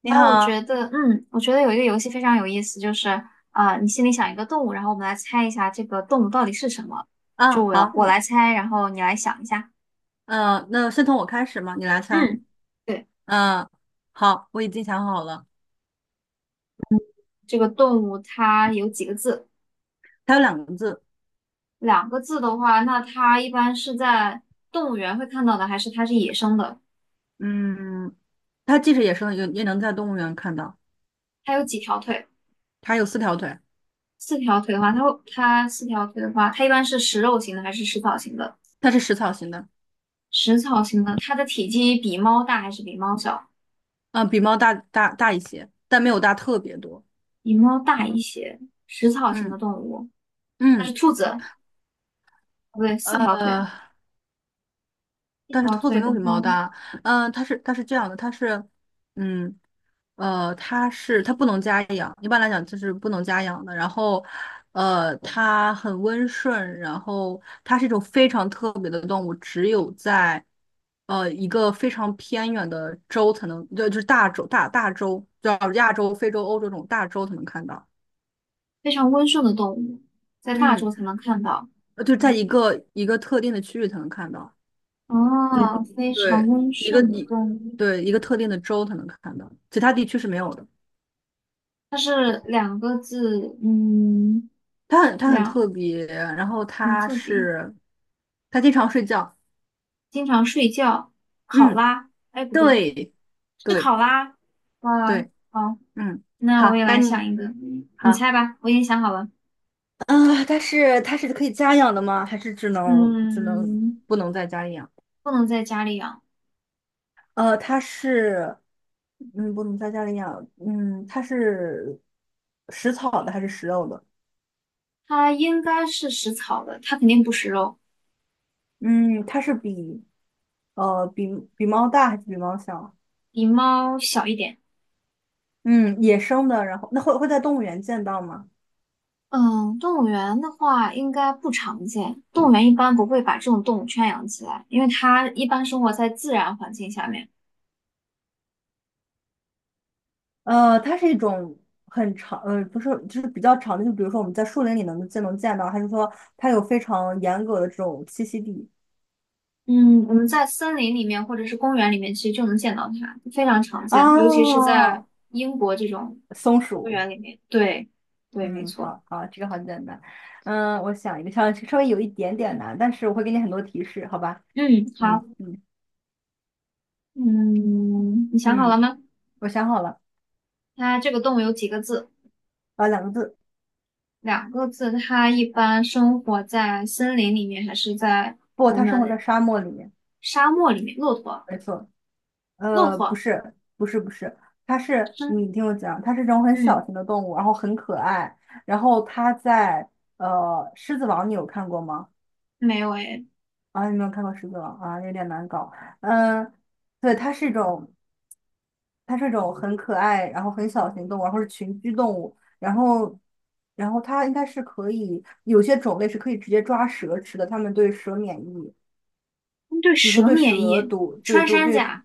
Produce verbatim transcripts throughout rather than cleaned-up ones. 你啊，我好。觉得，嗯，我觉得有一个游戏非常有意思，就是啊、呃你心里想一个动物，然后我们来猜一下这个动物到底是什么。啊，就我好，我嗯，来猜，然后你来想一下。呃，那先从我开始嘛，你来猜。嗯，对，嗯、好，我已经想好了。这个动物它有几个字？它有两个字。两个字的话，那它一般是在动物园会看到的，还是它是野生的？嗯，它即使野生的也也能在动物园看到。它有几条腿？它有四条腿。四条腿的话，它会它四条腿的话，它一般是食肉型的还是食草型的？它是食草型的。食草型的，它的体积比猫大还是比猫小？嗯、比猫大大大一些，但没有大特别多。比猫大一些，食草型的嗯动物，它是嗯。兔子，不对，四条腿，呃，一但是条兔子腿没有的比猫话，大。嗯、它是它是这样的，它是，嗯。呃，它是它不能家养，一般来讲就是不能家养的。然后，呃，它很温顺，然后它是一种非常特别的动物，只有在呃一个非常偏远的州才能，就就是大洲大大洲，叫亚洲、非洲、欧洲这种大洲才能看到。非常温顺的动物，在大嗯。洲才能看到。呃就在一嗯，个一个特定的区域才能看到。嗯，哦，非常对。温一个顺的一动物，对一个特定的州才能看到，其他地区是没有的。它是两个字，嗯，它很它很特两，别，然后嗯，它字边，是它经常睡觉。经常睡觉，考嗯。拉，哎，不对，对，是对，考拉，哇，对。好，嗯。那我好，也该来你。想一个，你好。猜吧，我已经想好了，啊，它是它是可以家养的吗？还是只能只能嗯，不能在家里养？不能在家里养。呃，它是嗯不能在家里养，嗯，它是食草的还是食肉的？它应该是食草的，它肯定不食肉，嗯，它是比呃比比猫大还是比猫小？比猫小一点。嗯，野生的，然后那会会在动物园见到吗？嗯，动物园的话应该不常见，动物园一般不会把这种动物圈养起来，因为它一般生活在自然环境下面。呃，它是一种很长，呃，不是，就是比较长的，就比如说我们在树林里能见能见到，还是说它有非常严格的这种栖息地。 嗯，我们在森林里面或者是公园里面，其实就能见到它，非常常 见，啊？尤其是在英国这种松公鼠。园里面。对，对，没嗯，错。好好，这个好简单。嗯，我想一个稍稍微有一点点难，但是我会给你很多提示，好吧？嗯，好，嗯嗯。嗯，你想好了嗯，吗？我想好了。它这个动物有几个字？啊，两个字。两个字，它一般生活在森林里面，还是在不，我它生活在们沙漠里面。沙漠里面？骆驼，没错。骆呃，不驼，是，不是，不是，它是，嗯你听我讲，它是这种很小嗯，型的动物，然后很可爱，然后它在呃《狮子王》，你有看过吗？没有诶。啊，你没有看过《狮子王》啊，有点难搞。嗯，对，它是一种，它是一种很可爱，然后很小型动物，然后是群居动物，然后，然后它应该是可以，有些种类是可以直接抓蛇吃的，它们对蛇免疫。对比如说蛇对免蛇疫，毒，对穿毒山对甲，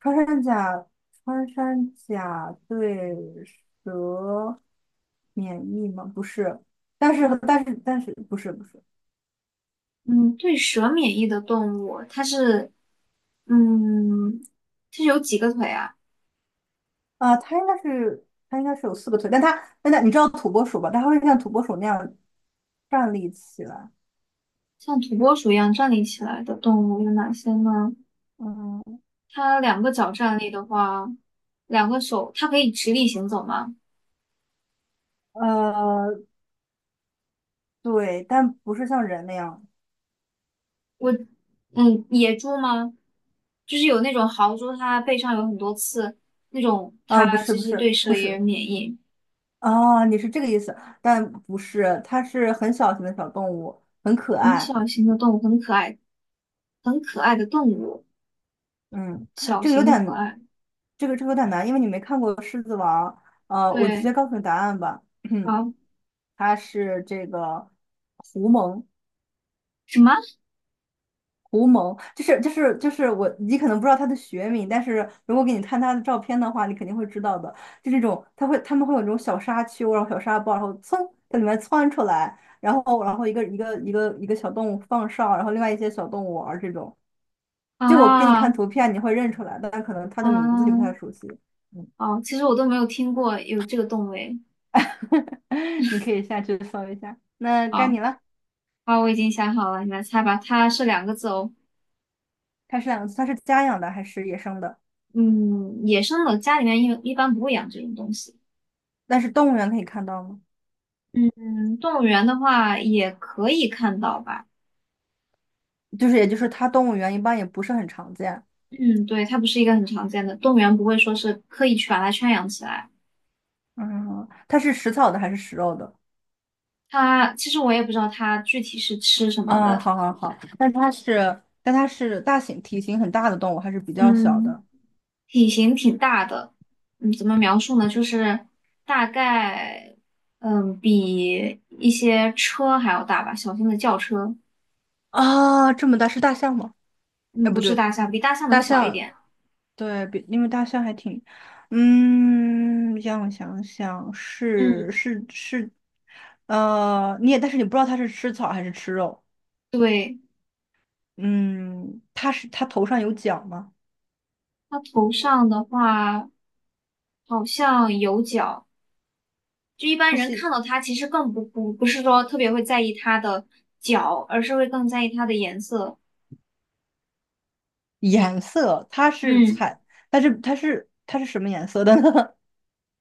穿山甲。穿山甲对蛇免疫吗？不是。但是但是但是不是不是嗯，对蛇免疫的动物，它是，嗯，它是有几个腿啊？啊，它应该是它应该是有四个腿，但它但它你知道土拨鼠吧？它会像土拨鼠那样站立起来。像土拨鼠一样站立起来的动物有哪些呢？嗯它两个脚站立的话，两个手，它可以直立行走吗？呃，对，但不是像人那样。嗯，野猪吗？就是有那种豪猪，它背上有很多刺，那种啊，它不是，其不实对是，蛇不也有是。免疫。啊，你是这个意思，但不是，它是很小型的小动物，很可很爱。小型的动物，很可爱，很可爱的动物，嗯，小这个有型可点，爱。这个这个有点难，因为你没看过《狮子王》。呃，我直对，接告诉你答案吧。好，它是这个狐獴。什么狐獴就是就是就是我，你可能不知道它的学名，但是如果给你看它的照片的话，你肯定会知道的。就这种，它会它们会有这种小沙丘，然后小沙包，然后噌在里面窜出来，然后然后一个一个一个一个小动物放哨，然后另外一些小动物玩儿这种。就我给你啊？看图片，你会认出来，但可能它的名字你不太嗯，熟悉。嗯。哦，其实我都没有听过有这个动物诶。你可以下去搜一下。那该好，你了。好，我已经想好了，你来猜吧。它是两个字哦。它是两，它是家养的还是野生的？嗯，野生的家里面一一般不会养这种东西。但是动物园可以看到吗？嗯，动物园的话也可以看到吧。就是，也就是它动物园一般也不是很常见。嗯，对，它不是一个很常见的，动物园不会说是刻意去把它圈养起来。嗯，它是食草的还是食肉的？它其实我也不知道它具体是吃什么嗯，的，好好好。但它是，但它是大型体型很大的动物还是比较小嗯，的？体型挺大的，嗯，怎么描述呢？就是大概，嗯，比一些车还要大吧，小型的轿车，啊，这么大是大象吗？哎，嗯，不不是对，大象，比大象能大小一象。点。对，比因为大象还挺，嗯，让我想想，是，嗯，是，是。呃，你也，但是你不知道它是吃草还是吃肉。对，嗯，它是它头上有角吗？它头上的话好像有角。就一般是人系看到它，其实更不不不是说特别会在意它的脚，而是会更在意它的颜色。颜色，它是嗯，彩，但是它是它是什么颜色的呢？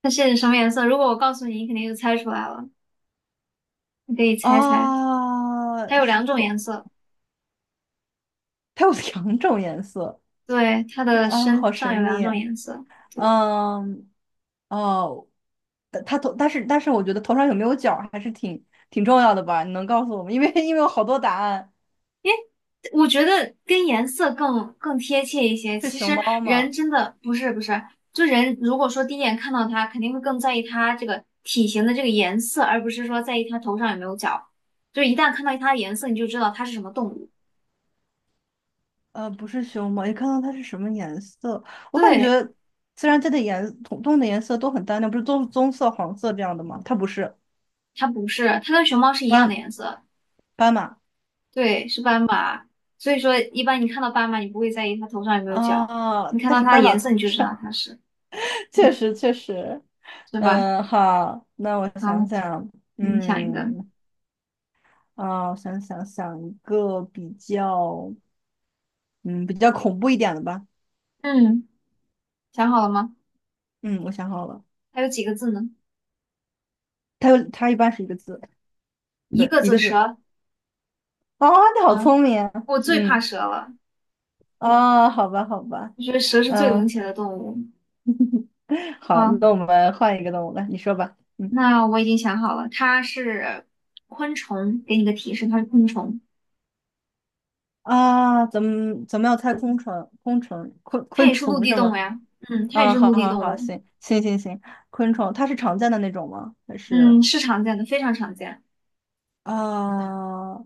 它是什么颜色？如果我告诉你，你肯定就猜出来了。你可以 猜猜，它啊，有是两种头，颜色。它有两种颜色。对，它的啊，身好上神有两秘种啊。颜色。嗯。哦，但他头，但是但是我觉得头上有没有角儿还是挺挺重要的吧？你能告诉我吗？因为因为有好多答案。诶，我觉得跟颜色更更贴切一些。是其熊实猫人吗？真的不是不是，就人如果说第一眼看到它，肯定会更在意它这个体型的这个颜色，而不是说在意它头上有没有角。就一旦看到它的颜色，你就知道它是什么动物。呃，不是熊猫，你看到它是什么颜色？我感对，觉自然界的颜，动动物的颜色都很单调，不是棕棕色、黄色这样的吗？它不是它不是，它跟熊猫是一样的斑颜色，斑马。对，是斑马。所以说，一般你看到斑马，你不会在意它头上有没有角，啊，你看但到是它的斑马颜色，头你就知上。 道它是，确嗯，实确实。是吧？嗯，好，那我想好，想。你想一个，嗯。啊，我想想想一个比较。嗯，比较恐怖一点的吧。嗯，想好了吗？嗯，我想好了。还有几个字呢？它有它一般是一个字。一对，个一字，个字。蛇。啊，你好聪明啊。我最怕嗯。蛇了，啊，好吧，好吧。我觉得蛇是最冷嗯。血的动物。好，好，那我们换一个动物来，你说吧。嗯。那我已经想好了，它是昆虫。给你个提示，它是昆虫，啊，咱们咱们要猜昆虫，昆虫，昆它也昆是陆虫地是动物吗？呀。嗯，它也嗯，是好陆地好动好，物。行行行行。昆虫它是常见的那种吗？还是。嗯，是常见的，非常常见。啊。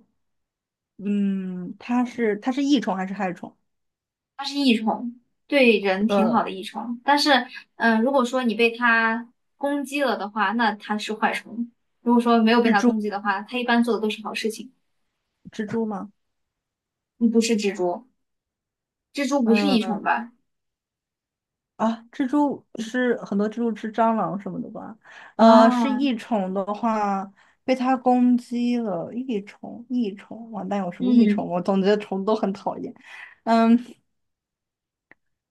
嗯，它是它是益虫还是害虫？它是益虫，对人挺好呃，的益虫。但是，嗯、如果说你被它攻击了的话，那它是坏虫；如果说没有被蜘它蛛，攻击的话，它一般做的都是好事情。蜘蛛吗？你不是蜘蛛，蜘蛛不是益虫嗯。吧？啊，蜘蛛是很多蜘蛛吃蟑螂什么的吧？呃，是啊，益虫的话，被它攻击了，益虫，益虫，完蛋，有什么益虫？嗯，我总觉得虫都很讨厌。嗯。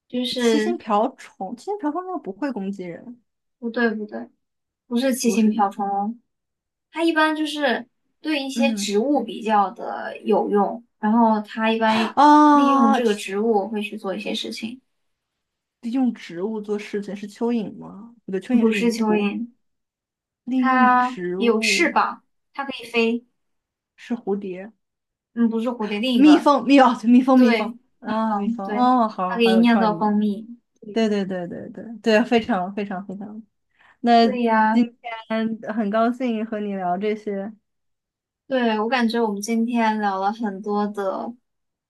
就七星是瓢虫，七星瓢虫应该不会攻击人，不对不对，不是七不星是瓢你。虫哦，它一般就是对一些嗯。植物比较的有用，然后它一般利用啊，这个去植物会去做一些事情，利用植物做事情是蚯蚓吗？不对，蚯蚓不是是泥蚯土。蚓。利用它植有翅物，膀，它可以飞。是蝴蝶。嗯，不是蝴蝶，另一蜜个，蜂，蜜，哦，对蜜蜂，蜜蜂对，蜜啊，蜜蜂，蜂对，哦，它好可好以有酿创造意。蜂蜜。对对对对对对，非常非常非常。那对呀，今天很高兴和你聊这些。对，我感觉我们今天聊了很多的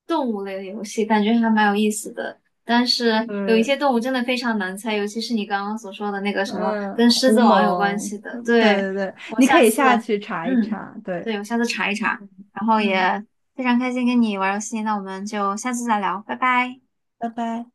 动物类的游戏，感觉还蛮有意思的。但是有一些嗯动物真的非常难猜，尤其是你刚刚所说的那个什么嗯，跟狮胡子王有关蒙，系的。嗯对对，对对，我你可下以次，下去查一嗯，查，对。对，我下次查一查。然后嗯，也非常开心跟你玩游戏，那我们就下次再聊，拜拜。拜拜。